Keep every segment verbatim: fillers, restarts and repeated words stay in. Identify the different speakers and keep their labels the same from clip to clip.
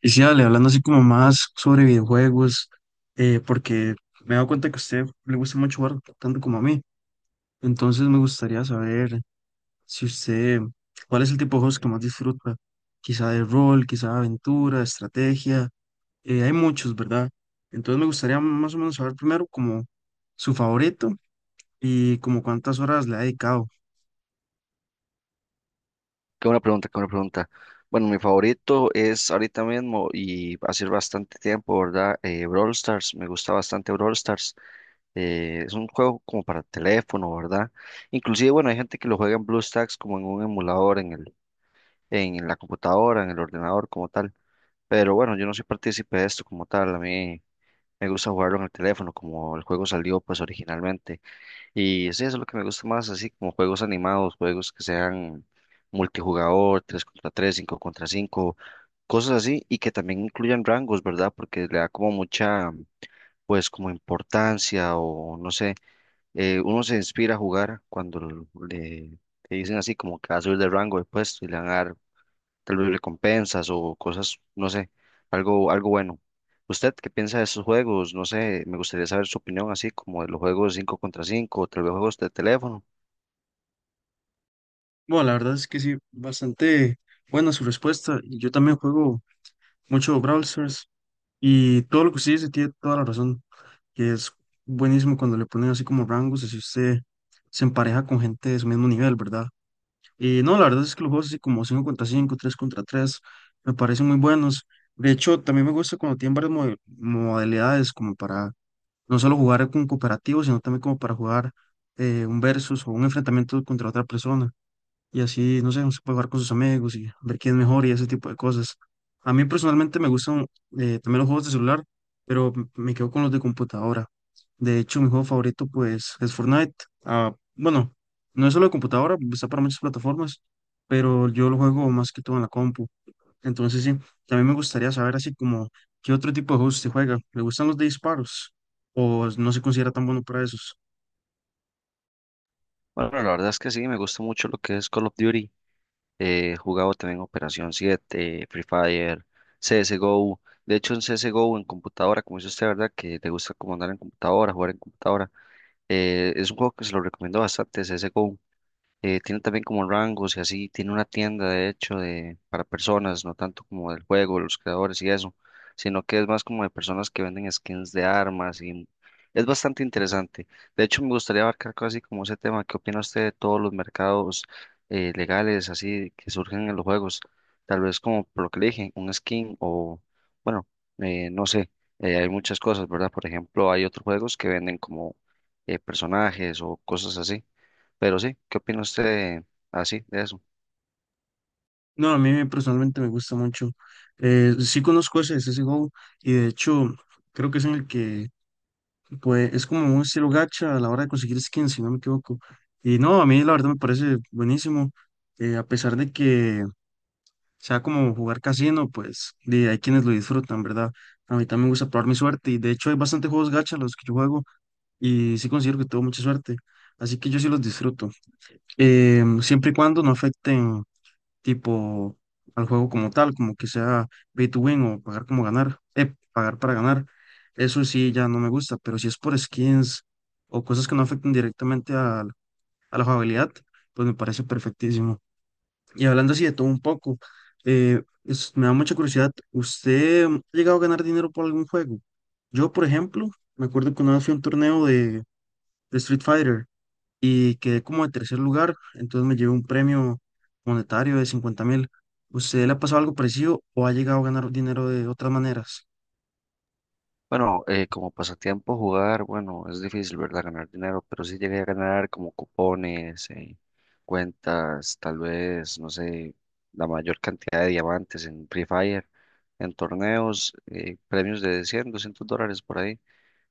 Speaker 1: Y sí, dale, hablando así como más sobre videojuegos, eh, porque me he dado cuenta que a usted le gusta mucho jugar tanto como a mí. Entonces me gustaría saber si usted, cuál es el tipo de juegos que más disfruta. Quizá de rol, quizá de aventura, estrategia. Eh, hay muchos, ¿verdad? Entonces me gustaría más o menos saber primero como su favorito y como cuántas horas le ha dedicado.
Speaker 2: Qué buena pregunta, qué buena pregunta. Bueno, mi favorito es ahorita mismo y hace bastante tiempo, ¿verdad? Eh, Brawl Stars, me gusta bastante Brawl Stars. Eh, es un juego como para teléfono, ¿verdad? Inclusive, bueno, hay gente que lo juega en BlueStacks como en un emulador, en el, en la computadora, en el ordenador como tal. Pero bueno, yo no soy partícipe de esto como tal. A mí me gusta jugarlo en el teléfono, como el juego salió pues originalmente. Y sí, eso es lo que me gusta más, así como juegos animados, juegos que sean multijugador, tres contra tres, cinco contra cinco, cosas así, y que también incluyan rangos, ¿verdad? Porque le da como mucha, pues como importancia o no sé, eh, uno se inspira a jugar cuando l- le, le dicen así como que va a subir de rango de puesto y le van a dar tal vez recompensas o cosas, no sé, algo, algo bueno. ¿Usted qué piensa de esos juegos? No sé, me gustaría saber su opinión así como de los juegos cinco contra cinco o tal vez juegos de teléfono.
Speaker 1: Bueno, la verdad es que sí, bastante buena su respuesta. y Yo también juego mucho Brawl Stars. Y todo lo que usted dice tiene toda la razón, que es buenísimo cuando le ponen así como rangos, así usted se empareja con gente de su mismo nivel, ¿verdad? Y no, la verdad es que los juegos así como cinco contra cinco tres contra tres me parecen muy buenos. De hecho, también me gusta cuando tienen varias mode- modalidades, como para no solo jugar con cooperativo sino también como para jugar eh, un versus o un enfrentamiento contra otra persona y así, no sé, uno se puede jugar con sus amigos y ver quién es mejor y ese tipo de cosas. A mí personalmente me gustan eh, también los juegos de celular, pero m- me quedo con los de computadora. De hecho, mi juego favorito pues es Fortnite. Ah, bueno, no es solo de computadora, está para muchas plataformas, pero yo lo juego más que todo en la compu. Entonces sí, también me gustaría saber así como qué otro tipo de juegos se juega. ¿Le gustan los de disparos? ¿O no se considera tan bueno para esos?
Speaker 2: Bueno, la verdad es que sí, me gusta mucho lo que es Call of Duty. Eh, he jugado también Operación siete, Free Fire, C S G O. De hecho, en C S G O en computadora, como dice usted, ¿verdad? Que te gusta como andar en computadora, jugar en computadora. Eh, es un juego que se lo recomiendo bastante, C S G O. Eh, tiene también como rangos y así, tiene una tienda de hecho de, para personas, no tanto como del juego, los creadores y eso, sino que es más como de personas que venden skins de armas y es bastante interesante. De hecho, me gustaría abarcar casi como ese tema. ¿Qué opina usted de todos los mercados eh, legales así que surgen en los juegos? Tal vez como por lo que le dije, un skin o, bueno, eh, no sé, eh, hay muchas cosas, ¿verdad? Por ejemplo, hay otros juegos que venden como eh, personajes o cosas así. Pero sí, ¿qué opina usted así de eso?
Speaker 1: No, a mí me- personalmente me gusta mucho. Eh, sí conozco ese C S G O y de hecho creo que es en el que pues, es como un estilo gacha a la hora de conseguir skins, si no me equivoco. Y no, a mí la verdad me parece buenísimo. Eh, a pesar de que sea como jugar casino, pues y hay quienes lo disfrutan, ¿verdad? A mí también me gusta probar mi suerte y de hecho hay bastante juegos gacha los que yo juego y sí considero que tengo mucha suerte. Así que yo sí los disfruto. Em, siempre y cuando no afecten tipo al juego como tal, como que sea pay to win o pagar como ganar, eh, pagar para ganar. Eso sí ya no me gusta, pero si es por skins o cosas que no afecten directamente al- a, la jugabilidad, pues me parece perfectísimo. Y hablando así de todo un poco, eh, es- me da mucha curiosidad, ¿usted ha llegado a ganar dinero por algún juego? Yo, por ejemplo, me acuerdo que una vez fui a un torneo de, de Street Fighter y quedé como de tercer lugar, entonces me llevé un premio monetario de cincuenta mil. ¿Usted le ha pasado algo parecido o ha llegado a ganar dinero de otras maneras?
Speaker 2: Bueno, eh, como pasatiempo jugar, bueno, es difícil, ¿verdad? Ganar dinero, pero sí llegué a ganar como cupones, eh, cuentas, tal vez, no sé, la mayor cantidad de diamantes en Free Fire, en torneos, eh, premios de cien, doscientos dólares por ahí,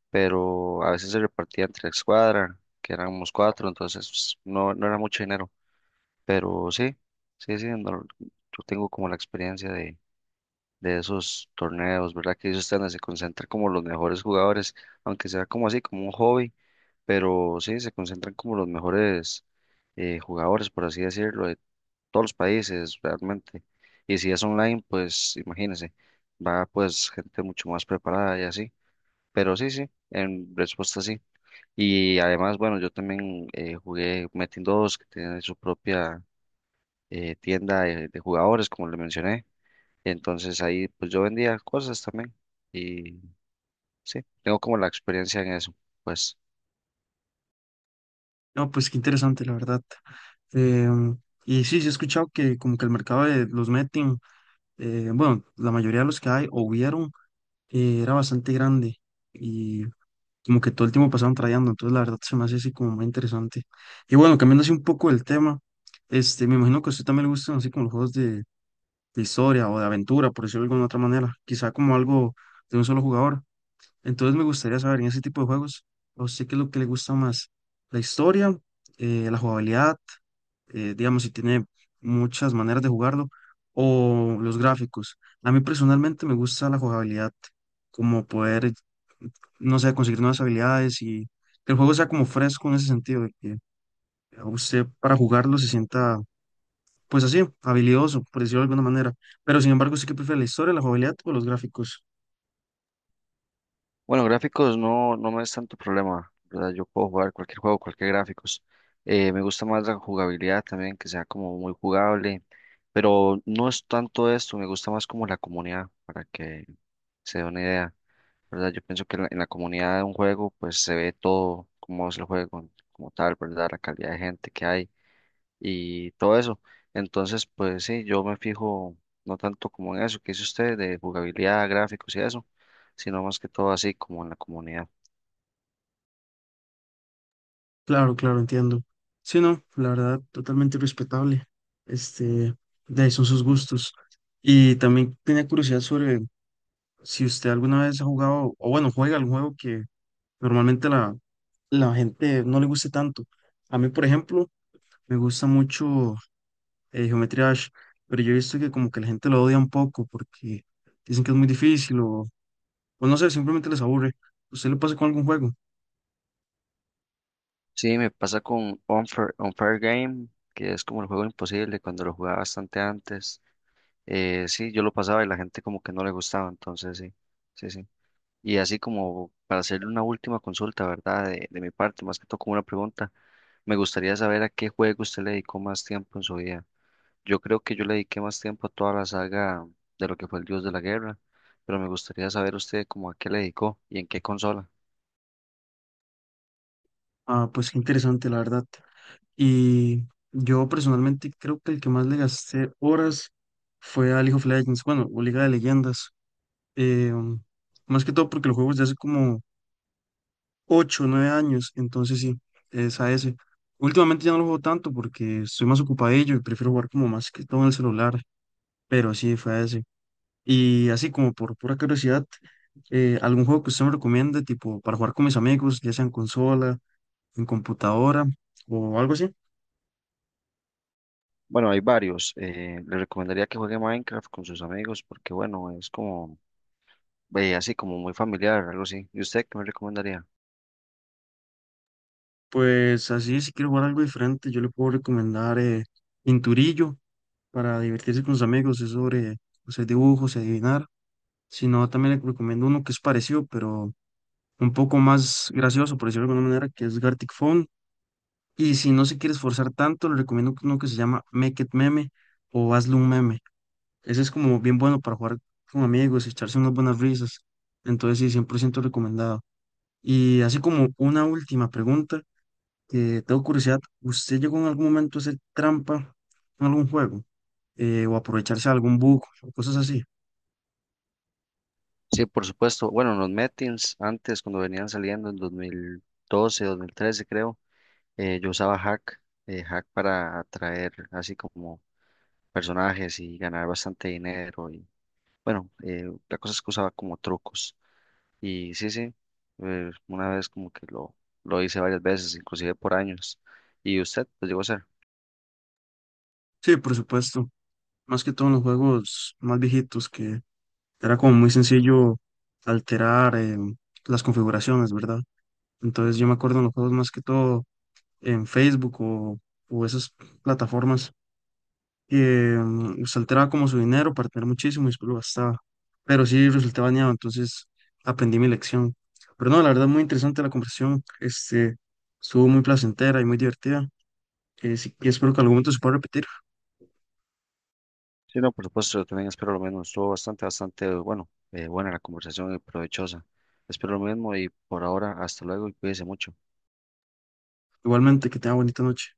Speaker 2: pero a veces se repartía entre la escuadra, que éramos cuatro, entonces no, no era mucho dinero, pero sí, sí, sí, no- yo tengo como la experiencia de de esos torneos, ¿verdad? Que ellos están, se concentran como los mejores jugadores, aunque sea como así, como un hobby, pero sí, se concentran como los mejores eh, jugadores, por así decirlo, de todos los países realmente. Y si es online, pues imagínense, va pues gente mucho más preparada y así. Pero sí, sí, en respuesta sí. Y además, bueno, yo también eh, jugué Metin dos, que tiene su propia eh, tienda de de jugadores, como le mencioné. Entonces ahí pues yo vendía cosas también y sí, tengo como la experiencia en eso. Pues
Speaker 1: No, pues qué interesante, la verdad. Em, y sí, sí he escuchado que como que el mercado de los betting, eh, bueno, la mayoría de los que hay o hubieron, eh, era bastante grande y como que todo el tiempo pasaban trayendo, entonces la verdad se me hace así como muy interesante. Y bueno, cambiando así un poco el tema, este, me imagino que a usted también le gustan así como los juegos de, de historia o de aventura, por decirlo de alguna otra manera, quizá como algo de un solo jugador. Entonces me gustaría saber en ese tipo de juegos, o sé qué es lo que le gusta más, la historia, eh, la jugabilidad, eh, digamos, si tiene muchas maneras de jugarlo, o los gráficos. A mí personalmente me gusta la jugabilidad, como poder, no sé, conseguir nuevas habilidades y que el juego sea como fresco en ese sentido, de que a usted para jugarlo se sienta pues así, habilidoso, por decirlo de alguna manera. Pero sin embargo, sí que prefiere la historia, la jugabilidad o los gráficos.
Speaker 2: bueno, gráficos no, no me es tanto problema, ¿verdad? Yo puedo jugar cualquier juego, cualquier gráficos. Eh, me gusta más la jugabilidad también, que sea como muy jugable, pero no es tanto esto, me gusta más como la comunidad, para que se dé una idea, ¿verdad? Yo pienso que en la, en la comunidad de un juego pues se ve todo, cómo es el juego como tal, ¿verdad? La calidad de gente que hay y todo eso. Entonces, pues sí, yo me fijo no tanto como en eso que dice usted de jugabilidad, gráficos y eso, sino más que todo así como en la comunidad.
Speaker 1: Claro, claro, entiendo. Sí, no, la verdad, totalmente respetable. Este, de ahí son sus gustos. Y también tenía curiosidad sobre si usted alguna vez ha jugado, o bueno, juega algún juego que normalmente la, la gente no le guste tanto. A mí, por ejemplo, me gusta mucho eh, Geometry Dash, pero yo he visto que como que la gente lo odia un poco porque dicen que es muy difícil o pues no sé, simplemente les aburre. ¿Usted le pasa con algún juego?
Speaker 2: Sí, me pasa con Unfair, Unfair Game, que es como el juego imposible, cuando lo jugaba bastante antes. Eh, sí, yo lo pasaba y la gente como que no le gustaba, entonces sí, sí, sí. Y así como para hacerle una última consulta, ¿verdad? De, de mi parte, más que todo como una pregunta, me gustaría saber a qué juego usted le dedicó más tiempo en su vida. Yo creo que yo le dediqué más tiempo a toda la saga de lo que fue el Dios de la Guerra, pero me gustaría saber usted cómo a qué le dedicó y en qué consola.
Speaker 1: Ah, pues qué interesante, la verdad. Y yo personalmente creo que el que más le gasté horas fue a League of Legends, bueno, o Liga de Leyendas. Eh, um, Más que todo porque los juegos de hace como ocho o nueve años, entonces sí, es a ese. Últimamente ya no lo juego tanto porque estoy más ocupadillo y prefiero jugar como más que todo en el celular, pero sí, fue a ese. Y así como por pura curiosidad, eh, algún juego que usted me recomiende, tipo para jugar con mis amigos, ya sea en consola, en computadora o algo así.
Speaker 2: Bueno, hay varios. Eh, le recomendaría que juegue Minecraft con sus amigos porque, bueno, es como, eh, así como muy familiar, algo así. ¿Y usted qué me recomendaría?
Speaker 1: Pues así, si quiero jugar algo diferente, yo le puedo recomendar eh, Pinturillo para divertirse con sus amigos, es sobre o sea, dibujos y adivinar. Si no, también le recomiendo uno que es parecido, pero un poco más gracioso, por decirlo de alguna manera, que es Gartic Phone. Y si no se quiere esforzar tanto, le recomiendo uno que se llama Make It Meme o Hazle un Meme. Ese es como bien bueno para jugar con amigos, y echarse unas buenas risas. Entonces sí, cien por ciento recomendado. Y así como una última pregunta, que tengo curiosidad, ¿usted llegó en algún momento a hacer trampa en algún juego? Eh, o aprovecharse de algún bug o cosas así.
Speaker 2: Sí, por supuesto. Bueno, los Metins antes, cuando venían saliendo en dos mil doce, dos mil trece, creo, eh, yo usaba Hack, eh, Hack para atraer así como personajes y ganar bastante dinero. Bueno, eh, la cosa es que usaba como trucos. Y sí, sí, eh, una vez como que lo, lo hice varias veces, inclusive por años. ¿Y usted lo llegó a hacer?
Speaker 1: Sí, por supuesto. Más que todo en los juegos más viejitos, que era como muy sencillo alterar em, las configuraciones, ¿verdad? Entonces yo me acuerdo en los juegos más que todo en Facebook o, o esas plataformas eh, usted alteraba como su dinero para tener muchísimo y después lo gastaba. Pero sí resulté bañado, entonces aprendí mi lección. Pero no, la verdad, muy interesante la conversación. Este, estuvo muy placentera y muy divertida. Eh, sí, y espero que en algún momento se pueda repetir.
Speaker 2: Sí, no, por supuesto, yo también espero lo mismo. Estuvo bastante, bastante, bueno, eh, buena la conversación y provechosa. Espero lo mismo y por ahora, hasta luego y cuídese mucho.
Speaker 1: Igualmente, que tenga bonita noche.